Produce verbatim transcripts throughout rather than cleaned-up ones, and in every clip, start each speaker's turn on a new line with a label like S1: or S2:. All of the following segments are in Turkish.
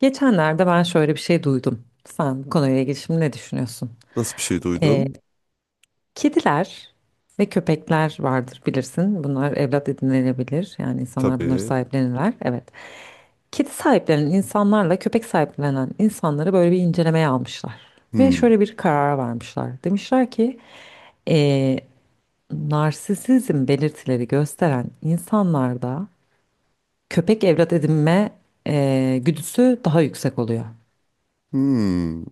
S1: Geçenlerde ben şöyle bir şey duydum. Sen bu konuyla ilgili şimdi ne düşünüyorsun?
S2: Nasıl bir şey
S1: Ee,
S2: duydun?
S1: kediler ve köpekler vardır bilirsin. Bunlar evlat edinilebilir. Yani insanlar bunları
S2: Tabii.
S1: sahiplenirler. Evet. Kedi sahiplenen insanlarla köpek sahiplenen insanları böyle bir incelemeye almışlar. Ve
S2: Hmm.
S1: şöyle bir karara varmışlar. Demişler ki ee, narsisizm belirtileri gösteren insanlarda köpek evlat edinme ee, güdüsü daha yüksek oluyor.
S2: Hmm.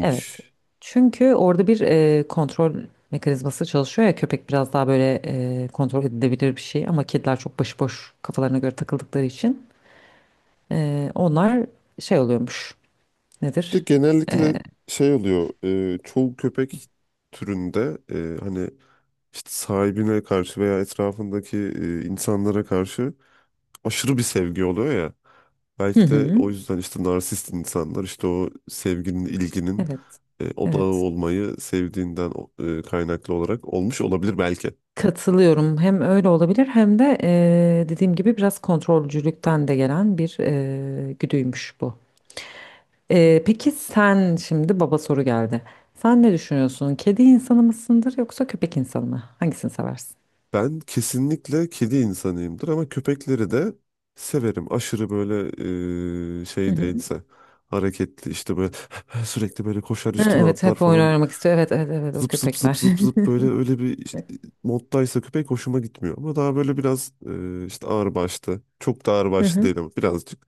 S1: Evet. Çünkü orada bir e, kontrol mekanizması çalışıyor ya köpek biraz daha böyle e, kontrol edilebilir bir şey ama kediler çok başıboş kafalarına göre takıldıkları için e, onlar şey oluyormuş.
S2: De
S1: Nedir?
S2: genellikle şey oluyor. E, çoğu köpek türünde e, hani işte sahibine karşı veya etrafındaki e, insanlara karşı aşırı bir sevgi oluyor ya.
S1: Hı
S2: Belki de
S1: hı.
S2: o yüzden işte narsist insanlar işte o sevginin, ilginin
S1: Evet.
S2: e, odağı
S1: Evet.
S2: olmayı sevdiğinden o- e, kaynaklı olarak olmuş olabilir belki.
S1: Katılıyorum. Hem öyle olabilir hem de e, dediğim gibi biraz kontrolcülükten de gelen bir e, güdüymüş bu. E, peki sen şimdi baba soru geldi. Sen ne düşünüyorsun? Kedi insanı mısındır yoksa köpek insanı mı? Hangisini seversin?
S2: Ben kesinlikle kedi insanıyımdır ama köpekleri de severim. Aşırı böyle eee,
S1: Hı
S2: şey
S1: hı.
S2: değilse hareketli işte böyle sürekli böyle koşar
S1: Ha,
S2: üstüme
S1: evet
S2: atlar
S1: hep oyun
S2: falan
S1: oynamak istiyor. Evet, evet, evet o
S2: zıp zıp zıp
S1: köpekler.
S2: zıp zıp böyle öyle bir işte moddaysa köpek hoşuma gitmiyor. Ama daha böyle biraz eee, işte ağırbaşlı çok da
S1: Hı
S2: ağırbaşlı
S1: hı.
S2: değil ama birazcık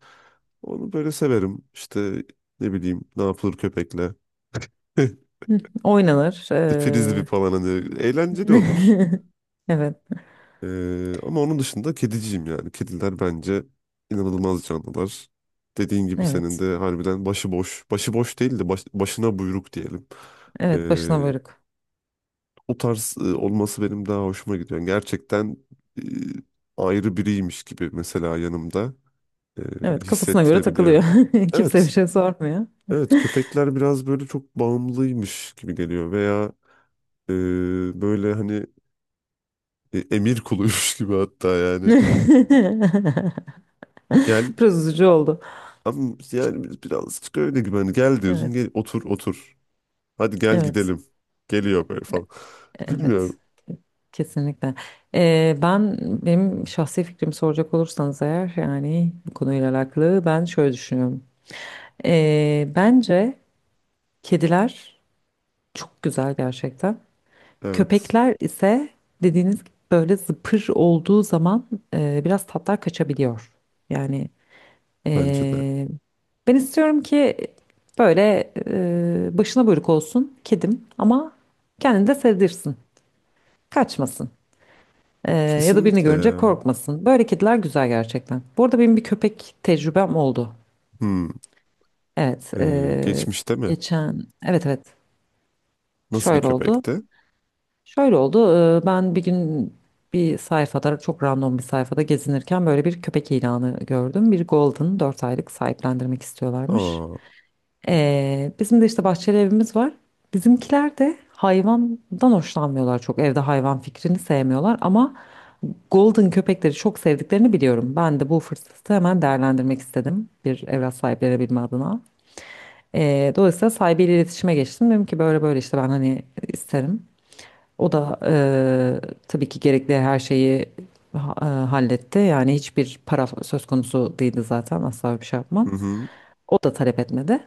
S2: onu böyle severim. İşte ne bileyim ne yapılır köpekle
S1: Hı. Oynanır.
S2: frisbee
S1: Ee,
S2: falan hani eğlenceli olur.
S1: Evet,
S2: Ee, ama onun dışında kediciyim yani. Kediler bence inanılmaz canlılar. Dediğin gibi senin
S1: evet.
S2: de harbiden başıboş. Başıboş değil de baş- başına buyruk diyelim.
S1: Evet başına
S2: Ee,
S1: varık.
S2: O tarz e, olması benim daha hoşuma gidiyor. Yani gerçekten e, ayrı biriymiş gibi mesela yanımda e,
S1: Evet kafasına göre
S2: hissettirebiliyor.
S1: takılıyor. Kimse bir
S2: Evet,
S1: şey sormuyor.
S2: evet, köpekler biraz böyle çok bağımlıymış gibi geliyor veya e, böyle hani e, emir kuluymuş gibi hatta yani. Gel.
S1: Biraz üzücü oldu.
S2: Abi yani biz birazcık öyle gibi hani gel diyorsun, gel
S1: Evet,
S2: otur otur. Hadi gel
S1: evet,
S2: gidelim. Geliyor böyle falan.
S1: evet.
S2: Bilmiyorum.
S1: Kesinlikle. Ee, ben benim şahsi fikrimi soracak olursanız eğer yani bu konuyla alakalı ben şöyle düşünüyorum. Ee, bence kediler çok güzel gerçekten.
S2: Evet.
S1: Köpekler ise dediğiniz gibi böyle zıpır olduğu zaman e, biraz tatlar kaçabiliyor. Yani
S2: Bence de.
S1: e, ben istiyorum ki böyle e, başına buyruk olsun kedim ama kendini de sevdirsin, kaçmasın. E, Ya da birini
S2: Kesinlikle
S1: görünce
S2: ya.
S1: korkmasın. Böyle kediler güzel gerçekten. Bu arada benim bir köpek tecrübem oldu.
S2: Hmm.
S1: Evet,
S2: Ee,
S1: e,
S2: geçmişte mi?
S1: geçen evet, evet
S2: Nasıl bir
S1: şöyle oldu.
S2: köpekti?
S1: Şöyle oldu. e, Ben bir gün bir sayfada çok random bir sayfada gezinirken böyle bir köpek ilanı gördüm. Bir golden dört aylık sahiplendirmek istiyorlarmış.
S2: Aa.
S1: Ee, bizim de işte bahçeli evimiz var. Bizimkiler de hayvandan hoşlanmıyorlar çok. Evde hayvan fikrini sevmiyorlar ama golden köpekleri çok sevdiklerini biliyorum. Ben de bu fırsatı hemen değerlendirmek istedim bir evlat sahiplenebilme adına. Ee, dolayısıyla sahibiyle iletişime geçtim. Dedim ki böyle böyle işte ben hani isterim. O da eee, tabii ki gerekli her şeyi ha- e, halletti. Yani hiçbir para söz konusu değildi zaten. Asla bir şey
S2: Hı
S1: yapmam.
S2: hı.
S1: O da talep etmedi.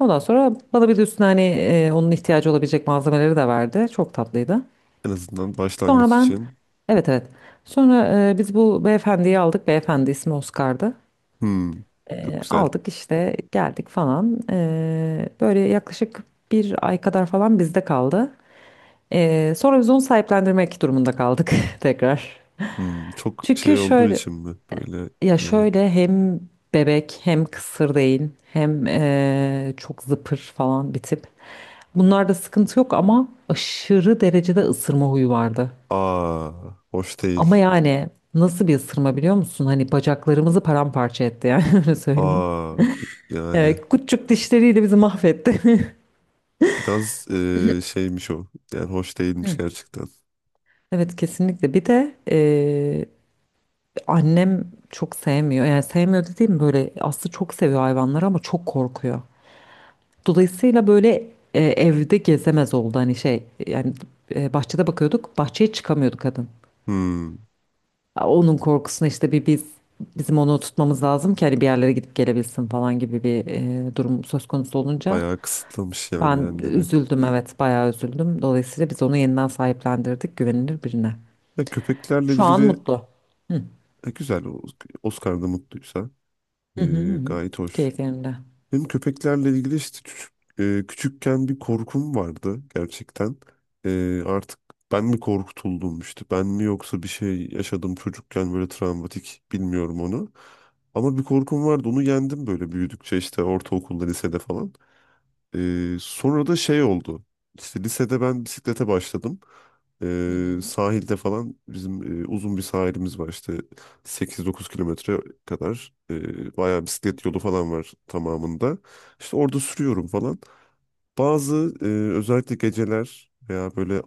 S1: Ondan sonra bana bir de üstüne hani e, onun ihtiyacı olabilecek malzemeleri de verdi. Çok tatlıydı.
S2: En azından başlangıç
S1: Sonra ben
S2: için.
S1: evet, evet. Sonra e, biz bu beyefendiyi aldık. Beyefendi ismi Oscar'dı.
S2: Hmm. Çok
S1: E,
S2: güzel.
S1: aldık işte geldik falan. E, böyle yaklaşık bir ay kadar falan bizde kaldı. E, sonra biz onu sahiplendirmek durumunda kaldık tekrar.
S2: Hmm. Çok
S1: Çünkü
S2: şey olduğu
S1: şöyle
S2: için mi? Böyle
S1: ya
S2: e,
S1: şöyle hem bebek hem kısır değil hem eee, çok zıpır falan bir tip. Bunlarda sıkıntı yok ama aşırı derecede ısırma huyu vardı.
S2: aa, hoş
S1: Ama
S2: değil.
S1: yani nasıl bir ısırma biliyor musun? Hani bacaklarımızı paramparça etti yani öyle söyleyeyim.
S2: Aa, yani
S1: Evet, küçük dişleriyle bizi mahvetti.
S2: biraz e, şeymiş o. Yani hoş değilmiş
S1: Hı.
S2: gerçekten.
S1: Evet kesinlikle. Bir de eee, annem çok sevmiyor. Yani sevmiyor dediğim böyle aslında çok seviyor hayvanları ama çok korkuyor. Dolayısıyla böyle e, evde gezemez oldu hani şey yani e, bahçede bakıyorduk bahçeye çıkamıyordu kadın.
S2: Hmm.
S1: A, onun korkusuna işte bir biz bizim onu tutmamız lazım ki hani bir yerlere gidip gelebilsin falan gibi bir e, durum söz konusu olunca
S2: Bayağı kısıtlamış yani
S1: ben
S2: kendini.
S1: üzüldüm, evet bayağı üzüldüm. Dolayısıyla biz onu yeniden sahiplendirdik güvenilir birine.
S2: Ya köpeklerle
S1: Şu an
S2: ilgili
S1: mutlu.
S2: e, güzel. O- Oscar'da mutluysa e,
S1: Hı hı hı.
S2: gayet hoş.
S1: Keyiflerinde.
S2: Benim köpeklerle ilgili işte küçük, e, küçükken bir korkum vardı gerçekten. E, artık ben mi korkutuldum işte ben mi yoksa bir şey yaşadım çocukken böyle travmatik, bilmiyorum onu. Ama bir korkum vardı, onu yendim böyle büyüdükçe işte ortaokulda lisede falan. Ee, sonra da şey oldu. İşte lisede ben bisiklete başladım.
S1: Hı
S2: Ee,
S1: hı.
S2: sahilde falan bizim e, uzun bir sahilimiz var işte, sekiz dokuz kilometre kadar. Ee, bayağı
S1: Hı
S2: bisiklet
S1: hı.
S2: yolu falan var tamamında. İşte orada sürüyorum falan. Bazı e, özellikle geceler veya böyle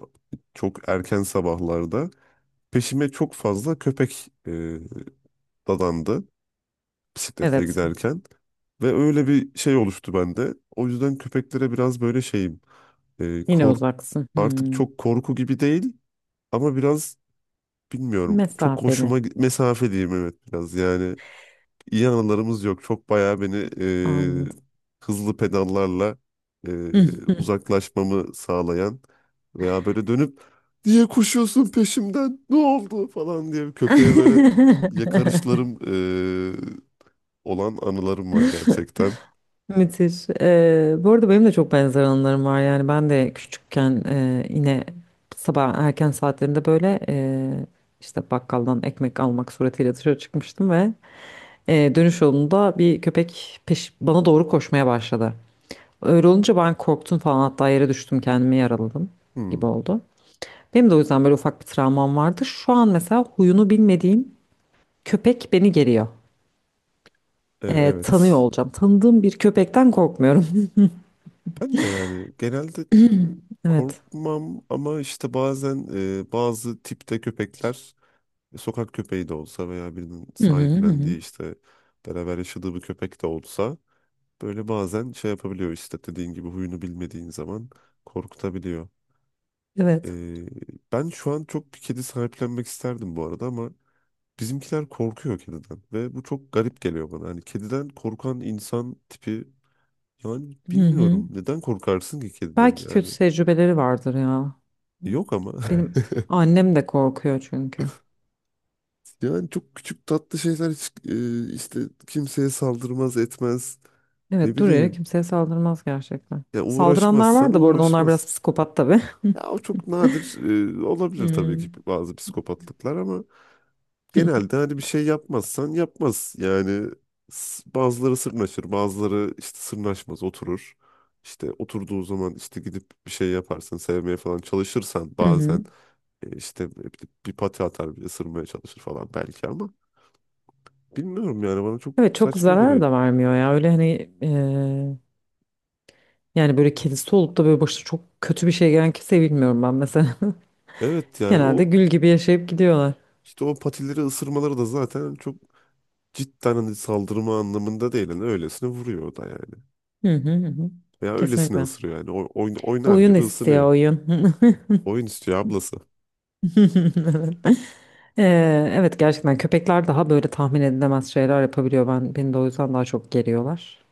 S2: çok erken sabahlarda peşime çok fazla köpek e, dadandı bisikletle
S1: Evet
S2: giderken. Ve öyle bir şey oluştu bende. O yüzden köpeklere biraz böyle şeyim. E,
S1: yine
S2: korku
S1: uzaksın. Hı.
S2: artık çok korku gibi değil ama biraz bilmiyorum. Çok
S1: Mesafeli
S2: hoşuma gi- mesafe diyeyim, evet biraz. Yani iyi anılarımız yok. Çok bayağı beni e,
S1: anladım.
S2: hızlı pedallarla e, uzaklaşmamı sağlayan veya böyle dönüp niye koşuyorsun peşimden, ne oldu falan diye köpeğe böyle yakarışlarım e, olan anılarım var gerçekten.
S1: Müthiş. Ee, bu arada benim de çok benzer anılarım var. Yani ben de küçükken e, yine sabah erken saatlerinde böyle e, işte bakkaldan ekmek almak suretiyle dışarı çıkmıştım ve e, dönüş yolunda bir köpek peş bana doğru koşmaya başladı. Öyle olunca ben korktum falan hatta yere düştüm kendimi yaraladım gibi
S2: Hmm.
S1: oldu. Benim de o yüzden böyle ufak bir travmam vardı. Şu an mesela huyunu bilmediğim köpek beni geriyor.
S2: E,
S1: E, tanıyor
S2: evet.
S1: olacağım. Tanıdığım bir köpekten korkmuyorum.
S2: Ben de yani genelde
S1: Evet.
S2: korkmam ama işte bazen e, bazı tipte köpekler, e, sokak köpeği de olsa veya birinin
S1: Hı hı hı. Hı.
S2: sahiplendiği, işte beraber yaşadığı bir köpek de olsa, böyle bazen şey yapabiliyor işte dediğin gibi huyunu bilmediğin zaman korkutabiliyor. E,
S1: Evet.
S2: Ben şu an çok bir kedi sahiplenmek isterdim bu arada ama bizimkiler korkuyor kediden ve bu çok garip geliyor bana. Hani kediden korkan insan tipi yani
S1: Hı hı.
S2: bilmiyorum neden korkarsın ki kediden,
S1: Belki
S2: yani
S1: kötü tecrübeleri vardır ya.
S2: yok ama.
S1: Benim annem de korkuyor çünkü.
S2: Yani çok küçük tatlı şeyler hiç e, işte kimseye saldırmaz etmez. Ne
S1: Evet dur ya
S2: bileyim.
S1: kimseye saldırmaz gerçekten.
S2: Ya uğraşmaz,
S1: Saldıranlar var
S2: sana
S1: da bu arada, onlar
S2: uğraşmaz.
S1: biraz psikopat tabii.
S2: Ya o çok nadir e,
S1: Hı
S2: olabilir tabii ki bazı psikopatlıklar ama genelde hani bir şey yapmazsan yapmaz. Yani s- bazıları sırnaşır, bazıları işte sırnaşmaz, oturur. İşte oturduğu zaman işte gidip bir şey yaparsın, sevmeye falan çalışırsan
S1: hı. Hı.
S2: bazen e, işte bir, bir pati atar, bir ısırmaya çalışır falan belki ama bilmiyorum yani bana çok
S1: Evet çok
S2: saçma
S1: zarar
S2: geliyor.
S1: da vermiyor ya. Öyle hani eee, yani böyle kedisi olup da böyle başına çok kötü bir şey gelen kimseyi bilmiyorum ben mesela.
S2: Evet yani
S1: Genelde
S2: o
S1: gül gibi yaşayıp gidiyorlar.
S2: işte o patileri ısırmaları da zaten çok cidden hani saldırma anlamında değil. Yani öylesine vuruyor o da yani.
S1: Hı hı hı. Hı.
S2: Veya öylesine
S1: Kesinlikle.
S2: ısırıyor yani. O, oyn- oynar
S1: Oyun
S2: gibi
S1: istiyor
S2: ısınıyor.
S1: oyun.
S2: Oyun istiyor ablası.
S1: Ee, evet gerçekten köpekler daha böyle tahmin edilemez şeyler yapabiliyor. Ben beni de o yüzden daha çok geriyorlar.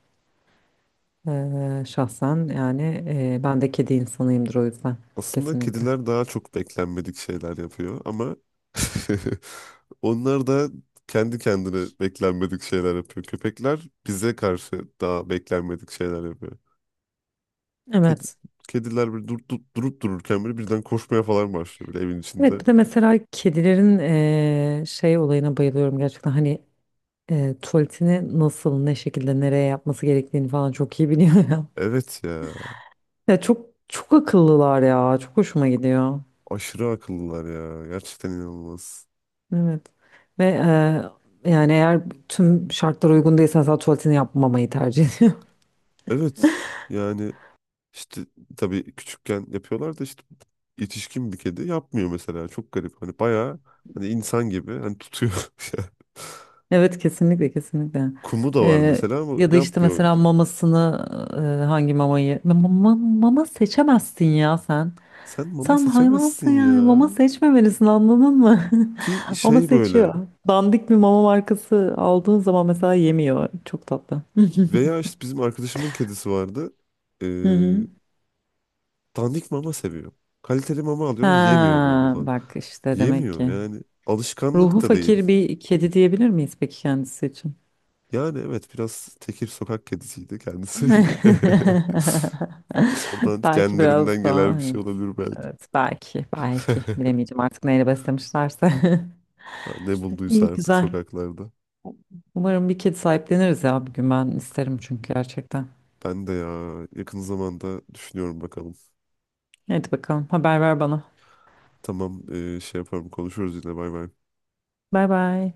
S1: Ee, şahsen yani e, ben de kedi insanıyımdır o yüzden.
S2: Aslında
S1: Kesinlikle.
S2: kediler daha çok beklenmedik şeyler yapıyor ama onlar da kendi kendine beklenmedik şeyler yapıyor. Köpekler bize karşı daha beklenmedik şeyler yapıyor. Kedi,
S1: Evet.
S2: Kediler böyle dur, dur- durup dururken böyle birden koşmaya falan başlıyor böyle evin içinde.
S1: Evet bir de mesela kedilerin eee, şey olayına bayılıyorum gerçekten hani eee, tuvaletini nasıl ne şekilde nereye yapması gerektiğini falan çok iyi biliyor ya.
S2: Evet ya.
S1: Ya çok çok akıllılar ya, çok hoşuma gidiyor.
S2: Aşırı akıllılar ya. Gerçekten inanılmaz.
S1: Evet. Ve e, yani eğer tüm şartlar uygun değilse mesela tuvaletini yapmamayı tercih ediyor.
S2: Evet. Yani işte tabii küçükken yapıyorlar da işte yetişkin bir kedi yapmıyor mesela. Çok garip. Hani bayağı hani insan gibi hani tutuyor.
S1: Evet kesinlikle, kesinlikle.
S2: Kumu da var
S1: E,
S2: mesela ama
S1: Ya da işte
S2: yapmıyor.
S1: mesela mamasını e, hangi mamayı Ma- ma- mama seçemezsin ya sen.
S2: Sen mama
S1: Sen hayvansın
S2: seçemezsin
S1: yani
S2: ya.
S1: mama seçmemelisin, anladın mı?
S2: Ki
S1: Ama
S2: şey böyle
S1: seçiyor. Dandik bir mama markası aldığın zaman mesela yemiyor. Çok tatlı.
S2: veya işte bizim arkadaşımın kedisi vardı. Ee,
S1: Hı hı.
S2: Dandik mama seviyor. Kaliteli mama alıyoruz, yemiyor böyle
S1: Ha,
S2: falan.
S1: bak işte demek
S2: Yemiyor
S1: ki.
S2: yani.
S1: Ruhu
S2: Alışkanlık da değil.
S1: fakir bir kedi diyebilir miyiz peki kendisi için?
S2: Yani evet biraz tekir sokak kedisiydi kendisi. Oradan
S1: Belki
S2: genlerinden
S1: biraz
S2: gelen
S1: daha,
S2: bir şey
S1: evet,
S2: olabilir belki.
S1: evet belki, belki bilemeyeceğim artık neyle beslemişlerse.
S2: Ha, ne bulduysa
S1: İyi
S2: artık
S1: güzel.
S2: sokaklarda.
S1: Umarım bir kedi sahipleniriz ya bir gün, ben isterim çünkü gerçekten.
S2: Ben de ya, yakın zamanda düşünüyorum, bakalım.
S1: Hadi bakalım haber ver bana.
S2: Tamam, e, şey yaparım, konuşuruz yine, bay bay.
S1: Bay bay.